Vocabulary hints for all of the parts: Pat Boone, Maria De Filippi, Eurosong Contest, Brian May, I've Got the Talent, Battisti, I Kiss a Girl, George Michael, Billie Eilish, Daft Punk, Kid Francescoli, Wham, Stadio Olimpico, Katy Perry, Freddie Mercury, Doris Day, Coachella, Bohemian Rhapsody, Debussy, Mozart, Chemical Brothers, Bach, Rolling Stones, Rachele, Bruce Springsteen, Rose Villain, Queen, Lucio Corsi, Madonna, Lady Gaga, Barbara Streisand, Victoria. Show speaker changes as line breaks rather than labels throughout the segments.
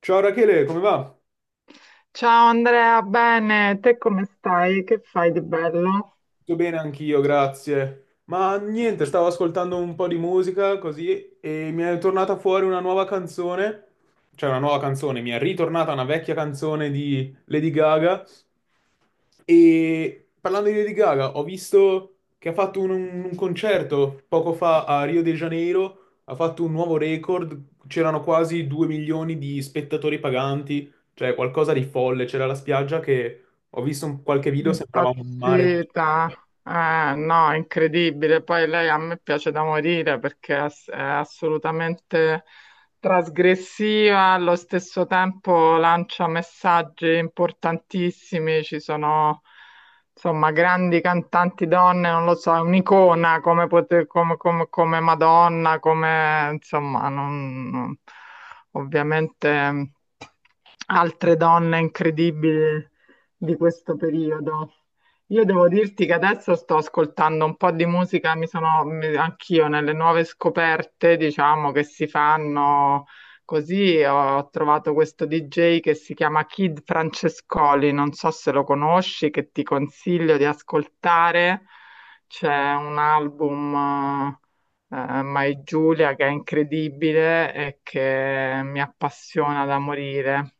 Ciao Rachele, come va?
Ciao Andrea, bene, te come stai? Che fai di bello?
Tutto bene anch'io, grazie. Ma niente, stavo ascoltando un po' di musica così e mi è tornata fuori una nuova canzone, cioè una nuova canzone, mi è ritornata una vecchia canzone di Lady Gaga e parlando di Lady Gaga ho visto che ha fatto un concerto poco fa a Rio de Janeiro, ha fatto un nuovo record, c'erano quasi 2 milioni di spettatori paganti, cioè qualcosa di folle, c'era la spiaggia che ho visto un- qualche video, sembrava un mare.
Impazzita, no, incredibile. Poi lei a me piace da morire perché è assolutamente trasgressiva, allo stesso tempo lancia messaggi importantissimi. Ci sono, insomma, grandi cantanti donne, non lo so, è un'icona come Madonna, come, insomma, non, non- ovviamente altre donne incredibili di questo periodo. Io devo dirti che adesso sto ascoltando un po' di musica, anch'io nelle nuove scoperte, diciamo, che si fanno così. Ho trovato questo DJ che si chiama Kid Francescoli, non so se lo conosci, che ti consiglio di ascoltare. C'è un album, My Giulia, che è incredibile e che mi appassiona da morire.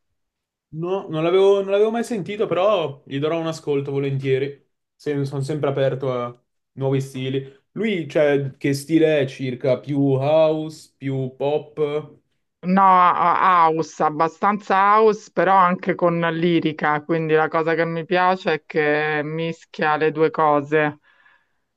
No, non l'avevo mai sentito, però gli darò un ascolto volentieri. Se- sono sempre aperto a nuovi stili. Lui, cioè, che stile è circa? Più house, più pop? Ok,
No, a- House, abbastanza house, però anche con lirica, quindi la cosa che mi piace è che mischia le due cose,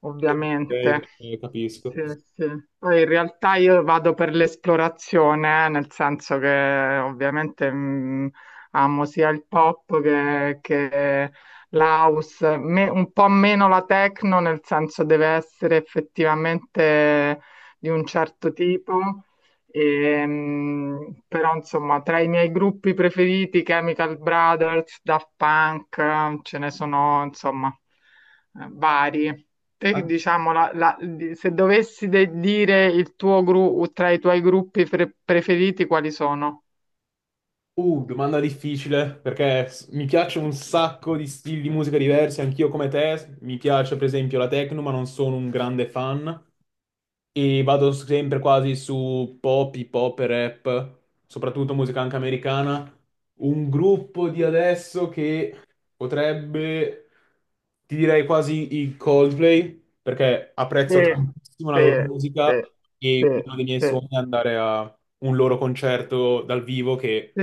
ovviamente.
ok, capisco.
Sì, sì. Poi in realtà io vado per l'esplorazione, nel senso che ovviamente amo sia il pop che l'house. Un po' meno la techno, nel senso deve essere effettivamente di un certo tipo. Però insomma, tra i miei gruppi preferiti, Chemical Brothers, Daft Punk, ce ne sono insomma vari. Te,
Ah,
diciamo, se dire il tuo gruppo tra i tuoi gruppi preferiti, quali sono?
Domanda difficile, perché s- mi piace un sacco di stili di musica diversi, anch'io come te. Mi piace, per esempio, la techno, ma non sono un grande fan. E vado sempre quasi su pop, hip hop e rap, soprattutto musica anche americana. Un gruppo di adesso che potrebbe, ti direi quasi i Coldplay, perché
Sì,
apprezzo tantissimo la
sì,
loro musica
sì,
e
sì,
uno dei miei
sì.
sogni è andare a un loro concerto dal vivo che,
Sì,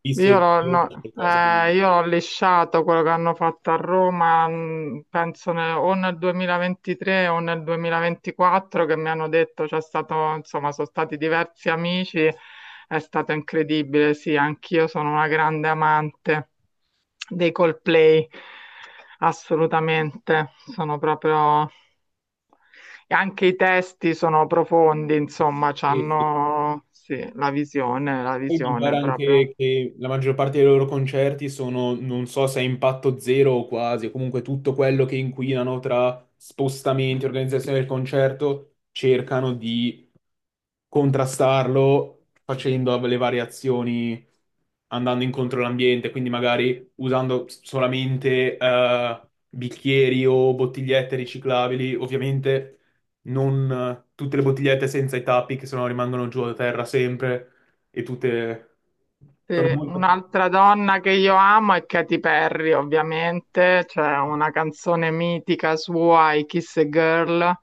visto e
l'ho
visto, è
no,
qualcosa di...
io l'ho lisciato quello che hanno fatto a Roma, penso o nel 2023 o nel 2024, che mi hanno detto c'è stato, insomma, sono stati diversi amici, è stato incredibile, sì, anch'io sono una grande amante dei Coldplay, assolutamente, sono proprio... E anche i testi sono profondi, insomma,
eh sì.
hanno, sì, la
Poi mi pare
visione
anche
proprio.
che la maggior parte dei loro concerti sono, non so se a impatto zero o quasi, o comunque tutto quello che inquinano tra spostamenti, organizzazione del concerto, cercano di contrastarlo facendo le variazioni, andando incontro all'ambiente, quindi magari usando solamente bicchieri o bottigliette riciclabili, ovviamente non tutte le bottigliette senza i tappi che sennò rimangono giù a terra sempre e tutte sono
Sì,
molto...
un'altra donna che io amo è Katy Perry, ovviamente, c'è una canzone mitica sua, I Kiss a Girl,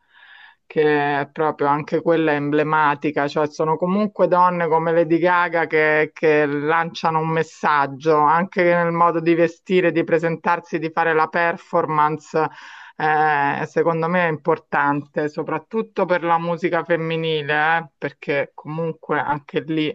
che è proprio anche quella emblematica, cioè sono comunque donne come Lady Gaga che lanciano un messaggio, anche nel modo di vestire, di presentarsi, di fare la performance, secondo me è importante, soprattutto per la musica femminile, perché comunque anche lì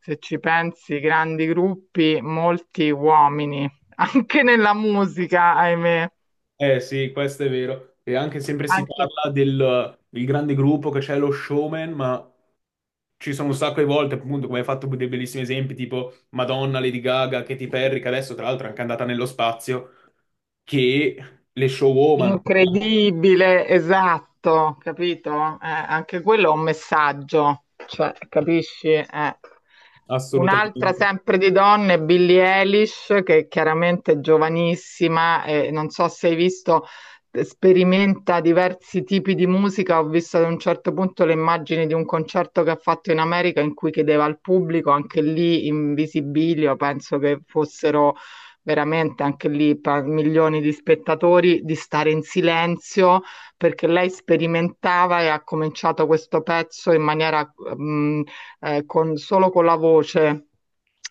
se ci pensi, grandi gruppi, molti uomini, anche nella musica, ahimè,
Eh sì, questo è vero. E anche sempre si
anche
parla del grande gruppo che c'è lo showman, ma ci sono un sacco di volte, appunto, come hai fatto dei bellissimi esempi, tipo Madonna, Lady Gaga, Katy Perry, che adesso tra l'altro è anche andata nello spazio, che le showwoman,
Incredibile, esatto, capito? Anche quello è un messaggio, cioè, capisci? Un'altra
assolutamente,
sempre di donne, Billie Eilish, che chiaramente è giovanissima e non so se hai visto, sperimenta diversi tipi di musica. Ho visto ad un certo punto le immagini di un concerto che ha fatto in America in cui chiedeva al pubblico, anche lì in visibilio, penso che fossero veramente anche lì per milioni di spettatori, di stare in silenzio perché lei sperimentava e ha cominciato questo pezzo in maniera con, solo con la voce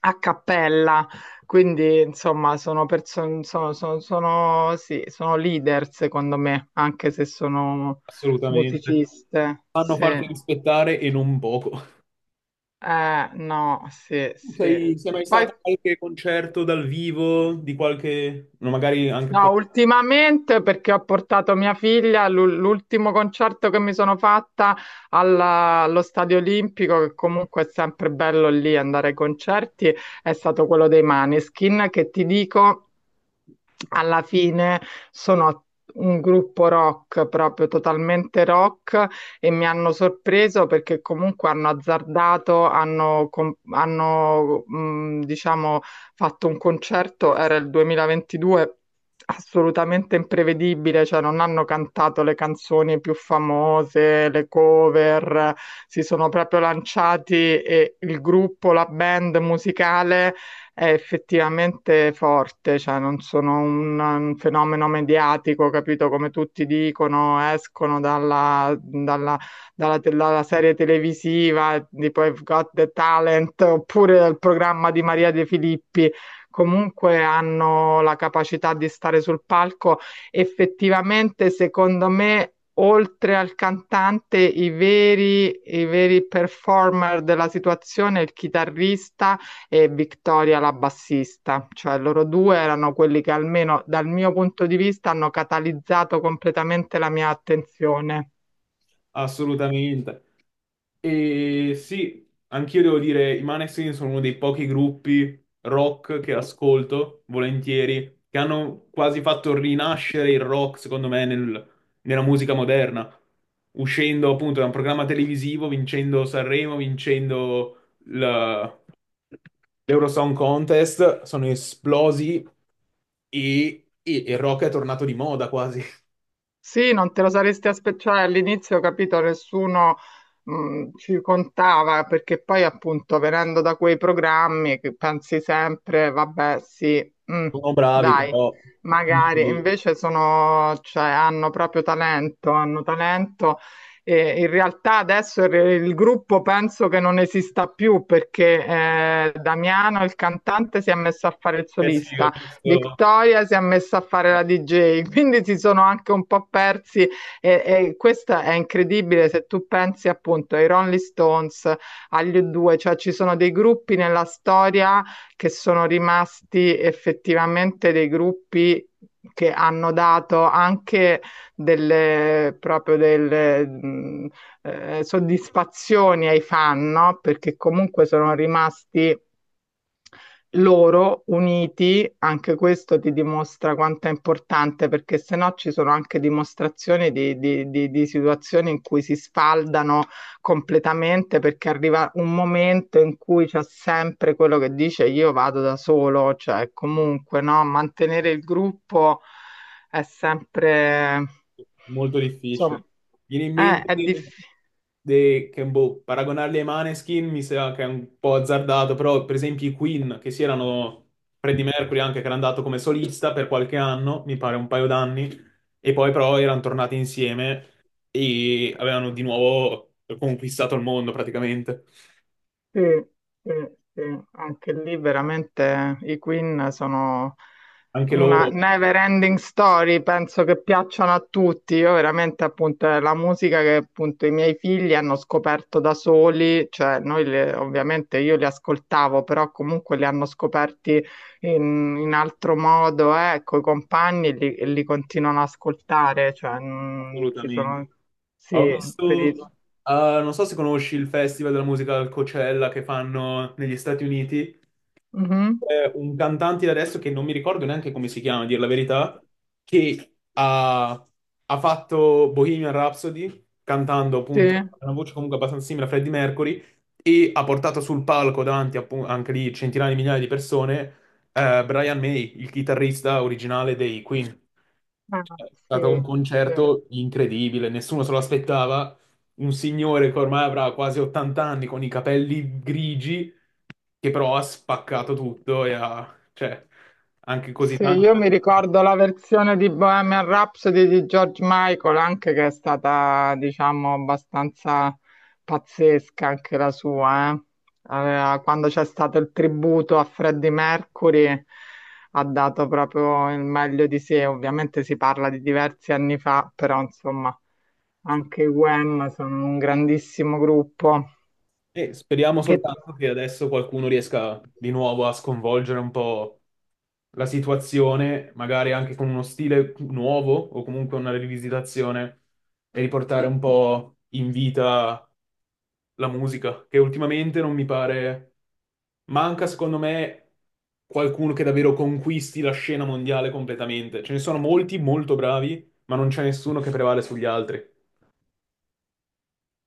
a cappella. Quindi, insomma, sono, perso- sono, sono, sono- sì, sono leader, secondo me, anche se sono
assolutamente,
musiciste.
fanno
Sì.
farti rispettare e non poco.
No, sì,
Tu
sì. E
sei, sei mai
poi
stato a qualche concerto dal vivo di qualche, no, magari anche
no,
fuori?
ultimamente perché ho portato mia figlia, l'ultimo concerto che mi sono fatta allo Stadio Olimpico, che comunque è sempre bello lì andare ai concerti, è stato quello dei Maneskin, che ti dico alla fine sono un gruppo rock, proprio totalmente rock, e mi hanno sorpreso perché comunque hanno azzardato, hanno, com- hanno diciamo, fatto un concerto, era il 2022 assolutamente imprevedibile, cioè non hanno cantato le canzoni più famose, le cover, si sono proprio lanciati e il gruppo, la band musicale è effettivamente forte, cioè non sono un fenomeno mediatico, capito? Come tutti dicono, escono dalla serie televisiva tipo I've Got the Talent oppure dal programma di Maria De Filippi. Comunque hanno la capacità di stare sul palco. Effettivamente, secondo me, oltre al cantante, i veri performer della situazione, il chitarrista e Victoria la bassista, cioè loro due erano quelli che almeno dal mio punto di vista hanno catalizzato completamente la mia attenzione.
Assolutamente. E sì, anch'io devo dire, i Maneskin sono uno dei pochi gruppi rock che ascolto volentieri, che hanno quasi fatto rinascere il rock, secondo me, nel- nella musica moderna, uscendo appunto da un programma televisivo, vincendo Sanremo, vincendo la- l'Eurosong Contest, sono esplosi e il rock è tornato di moda quasi.
Sì, non te lo saresti aspettato, cioè, all'inizio, capito, nessuno ci contava perché poi appunto venendo da quei programmi che pensi sempre, vabbè, sì, mm,
Sono bravi,
dai,
però...
magari,
difficili.
invece sono, cioè, hanno proprio talento, hanno talento e in realtà adesso il gruppo penso che non esista più perché Damiano, il cantante, si è messo a fare il
Eh sì, ho
solista.
visto...
Victoria si è messa a fare la DJ, quindi si sono anche un po' persi e questa è incredibile se tu pensi appunto ai Rolling Stones, agli U2, cioè ci sono dei gruppi nella storia che sono rimasti effettivamente dei gruppi che hanno dato anche delle proprio delle soddisfazioni ai fan, no? Perché comunque sono rimasti loro uniti, anche questo ti dimostra quanto è importante, perché se no ci sono anche dimostrazioni di situazioni in cui si sfaldano completamente, perché arriva un momento in cui c'è sempre quello che dice io vado da solo, cioè comunque no, mantenere il gruppo è sempre,
molto difficile.
insomma,
Viene in mente
è difficile.
de- che, boh, paragonarli ai Maneskin mi sa che è un po' azzardato, però per esempio i Queen, che si erano Freddie Mercury anche, che era andato come solista per qualche anno, mi pare un paio d'anni, e poi però erano tornati insieme e avevano di nuovo conquistato il mondo praticamente.
Sì, sì, sì, anche lì veramente i Queen sono
Anche
una
loro,
never ending story, penso che piacciono a tutti. Io veramente appunto è la musica che appunto i miei figli hanno scoperto da soli, cioè ovviamente io li ascoltavo, però comunque li hanno scoperti in altro modo, coi compagni e li continuano ad ascoltare, cioè ci
assolutamente.
sono
Ho
sì, per
visto,
i...
eh, non so se conosci il Festival della musica al Coachella che fanno negli Stati Uniti.
Mhm,
C'è un cantante di adesso che non mi ricordo neanche come si chiama, a dir la verità, che ha, ha fatto Bohemian Rhapsody, cantando
sì.
appunto una voce comunque abbastanza simile a Freddie Mercury, e ha portato sul palco davanti appu- anche lì centinaia di migliaia di persone, Brian May, il chitarrista originale dei Queen.
Ah,
È
sì,
stato un
sì.
concerto incredibile, nessuno se lo aspettava. Un signore che ormai avrà quasi 80 anni con i capelli grigi, che però ha spaccato tutto e ha, cioè, anche così
Sì,
tanto.
io mi ricordo la versione di Bohemian Rhapsody di George Michael, anche che è stata, diciamo, abbastanza pazzesca anche la sua, eh. Quando c'è stato il tributo a Freddie Mercury, ha dato proprio il meglio di sé. Ovviamente si parla di diversi anni fa, però insomma, anche i Wham sono un grandissimo gruppo
E speriamo
che
soltanto che adesso qualcuno riesca di nuovo a sconvolgere un po' la situazione, magari anche con uno stile nuovo o comunque una rivisitazione e riportare un po' in vita la musica, che ultimamente non mi pare... Manca, secondo me, qualcuno che davvero conquisti la scena mondiale completamente. Ce ne sono molti molto bravi, ma non c'è nessuno che prevale sugli altri.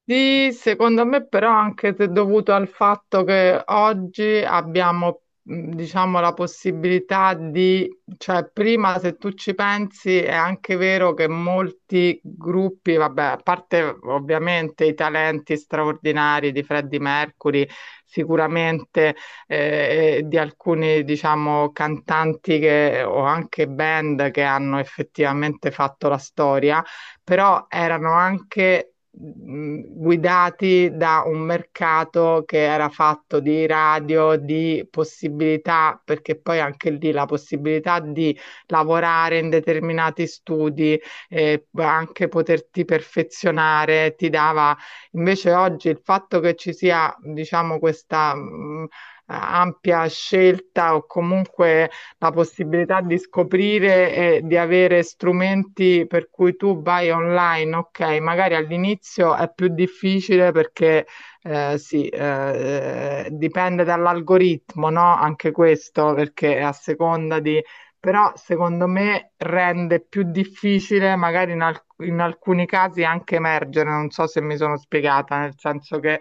sì, secondo me però anche se dovuto al fatto che oggi abbiamo, diciamo, la possibilità di, cioè prima se tu ci pensi è anche vero che molti gruppi, vabbè, a parte ovviamente i talenti straordinari di Freddie Mercury, sicuramente e di alcuni, diciamo, cantanti che, o anche band che hanno effettivamente fatto la storia però erano anche guidati da un mercato che era fatto di radio, di possibilità, perché poi anche lì la possibilità di lavorare in determinati studi, e anche poterti perfezionare, ti dava invece oggi il fatto che ci sia, diciamo, questa ampia scelta o comunque la possibilità di scoprire e di avere strumenti per cui tu vai online, ok, magari all'inizio è più difficile perché eh, sì, eh, dipende dall'algoritmo, no? Anche questo, perché a seconda di... Però secondo me rende più difficile magari in alcuni casi anche emergere, non so se mi sono spiegata, nel senso che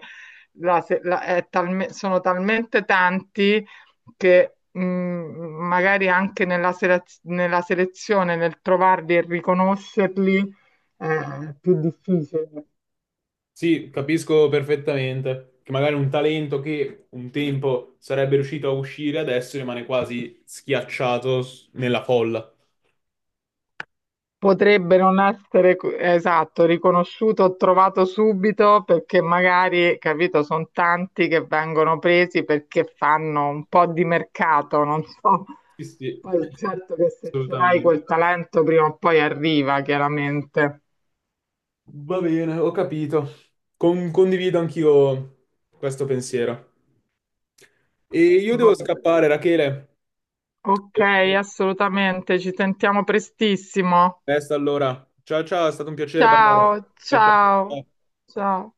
sono talmente tanti che magari anche nella selezione, nel trovarli e riconoscerli, eh, è più difficile.
Sì, capisco perfettamente che magari un talento che un tempo sarebbe riuscito a uscire adesso rimane quasi schiacciato s- nella folla.
Potrebbe non essere esatto, riconosciuto o trovato subito perché magari, capito, sono tanti che vengono presi perché fanno un po' di mercato, non so.
Sì, sì,
Poi certo che se ce l'hai
assolutamente.
quel talento prima o poi arriva, chiaramente.
Va bene, ho capito. Con- condivido anch'io questo pensiero. E io devo
Vabbè.
scappare, Rachele.
Ok, assolutamente, ci sentiamo prestissimo.
Resta allora. Ciao ciao, è stato un piacere parlare.
Ciao,
Ciao
ciao,
ciao.
ciao.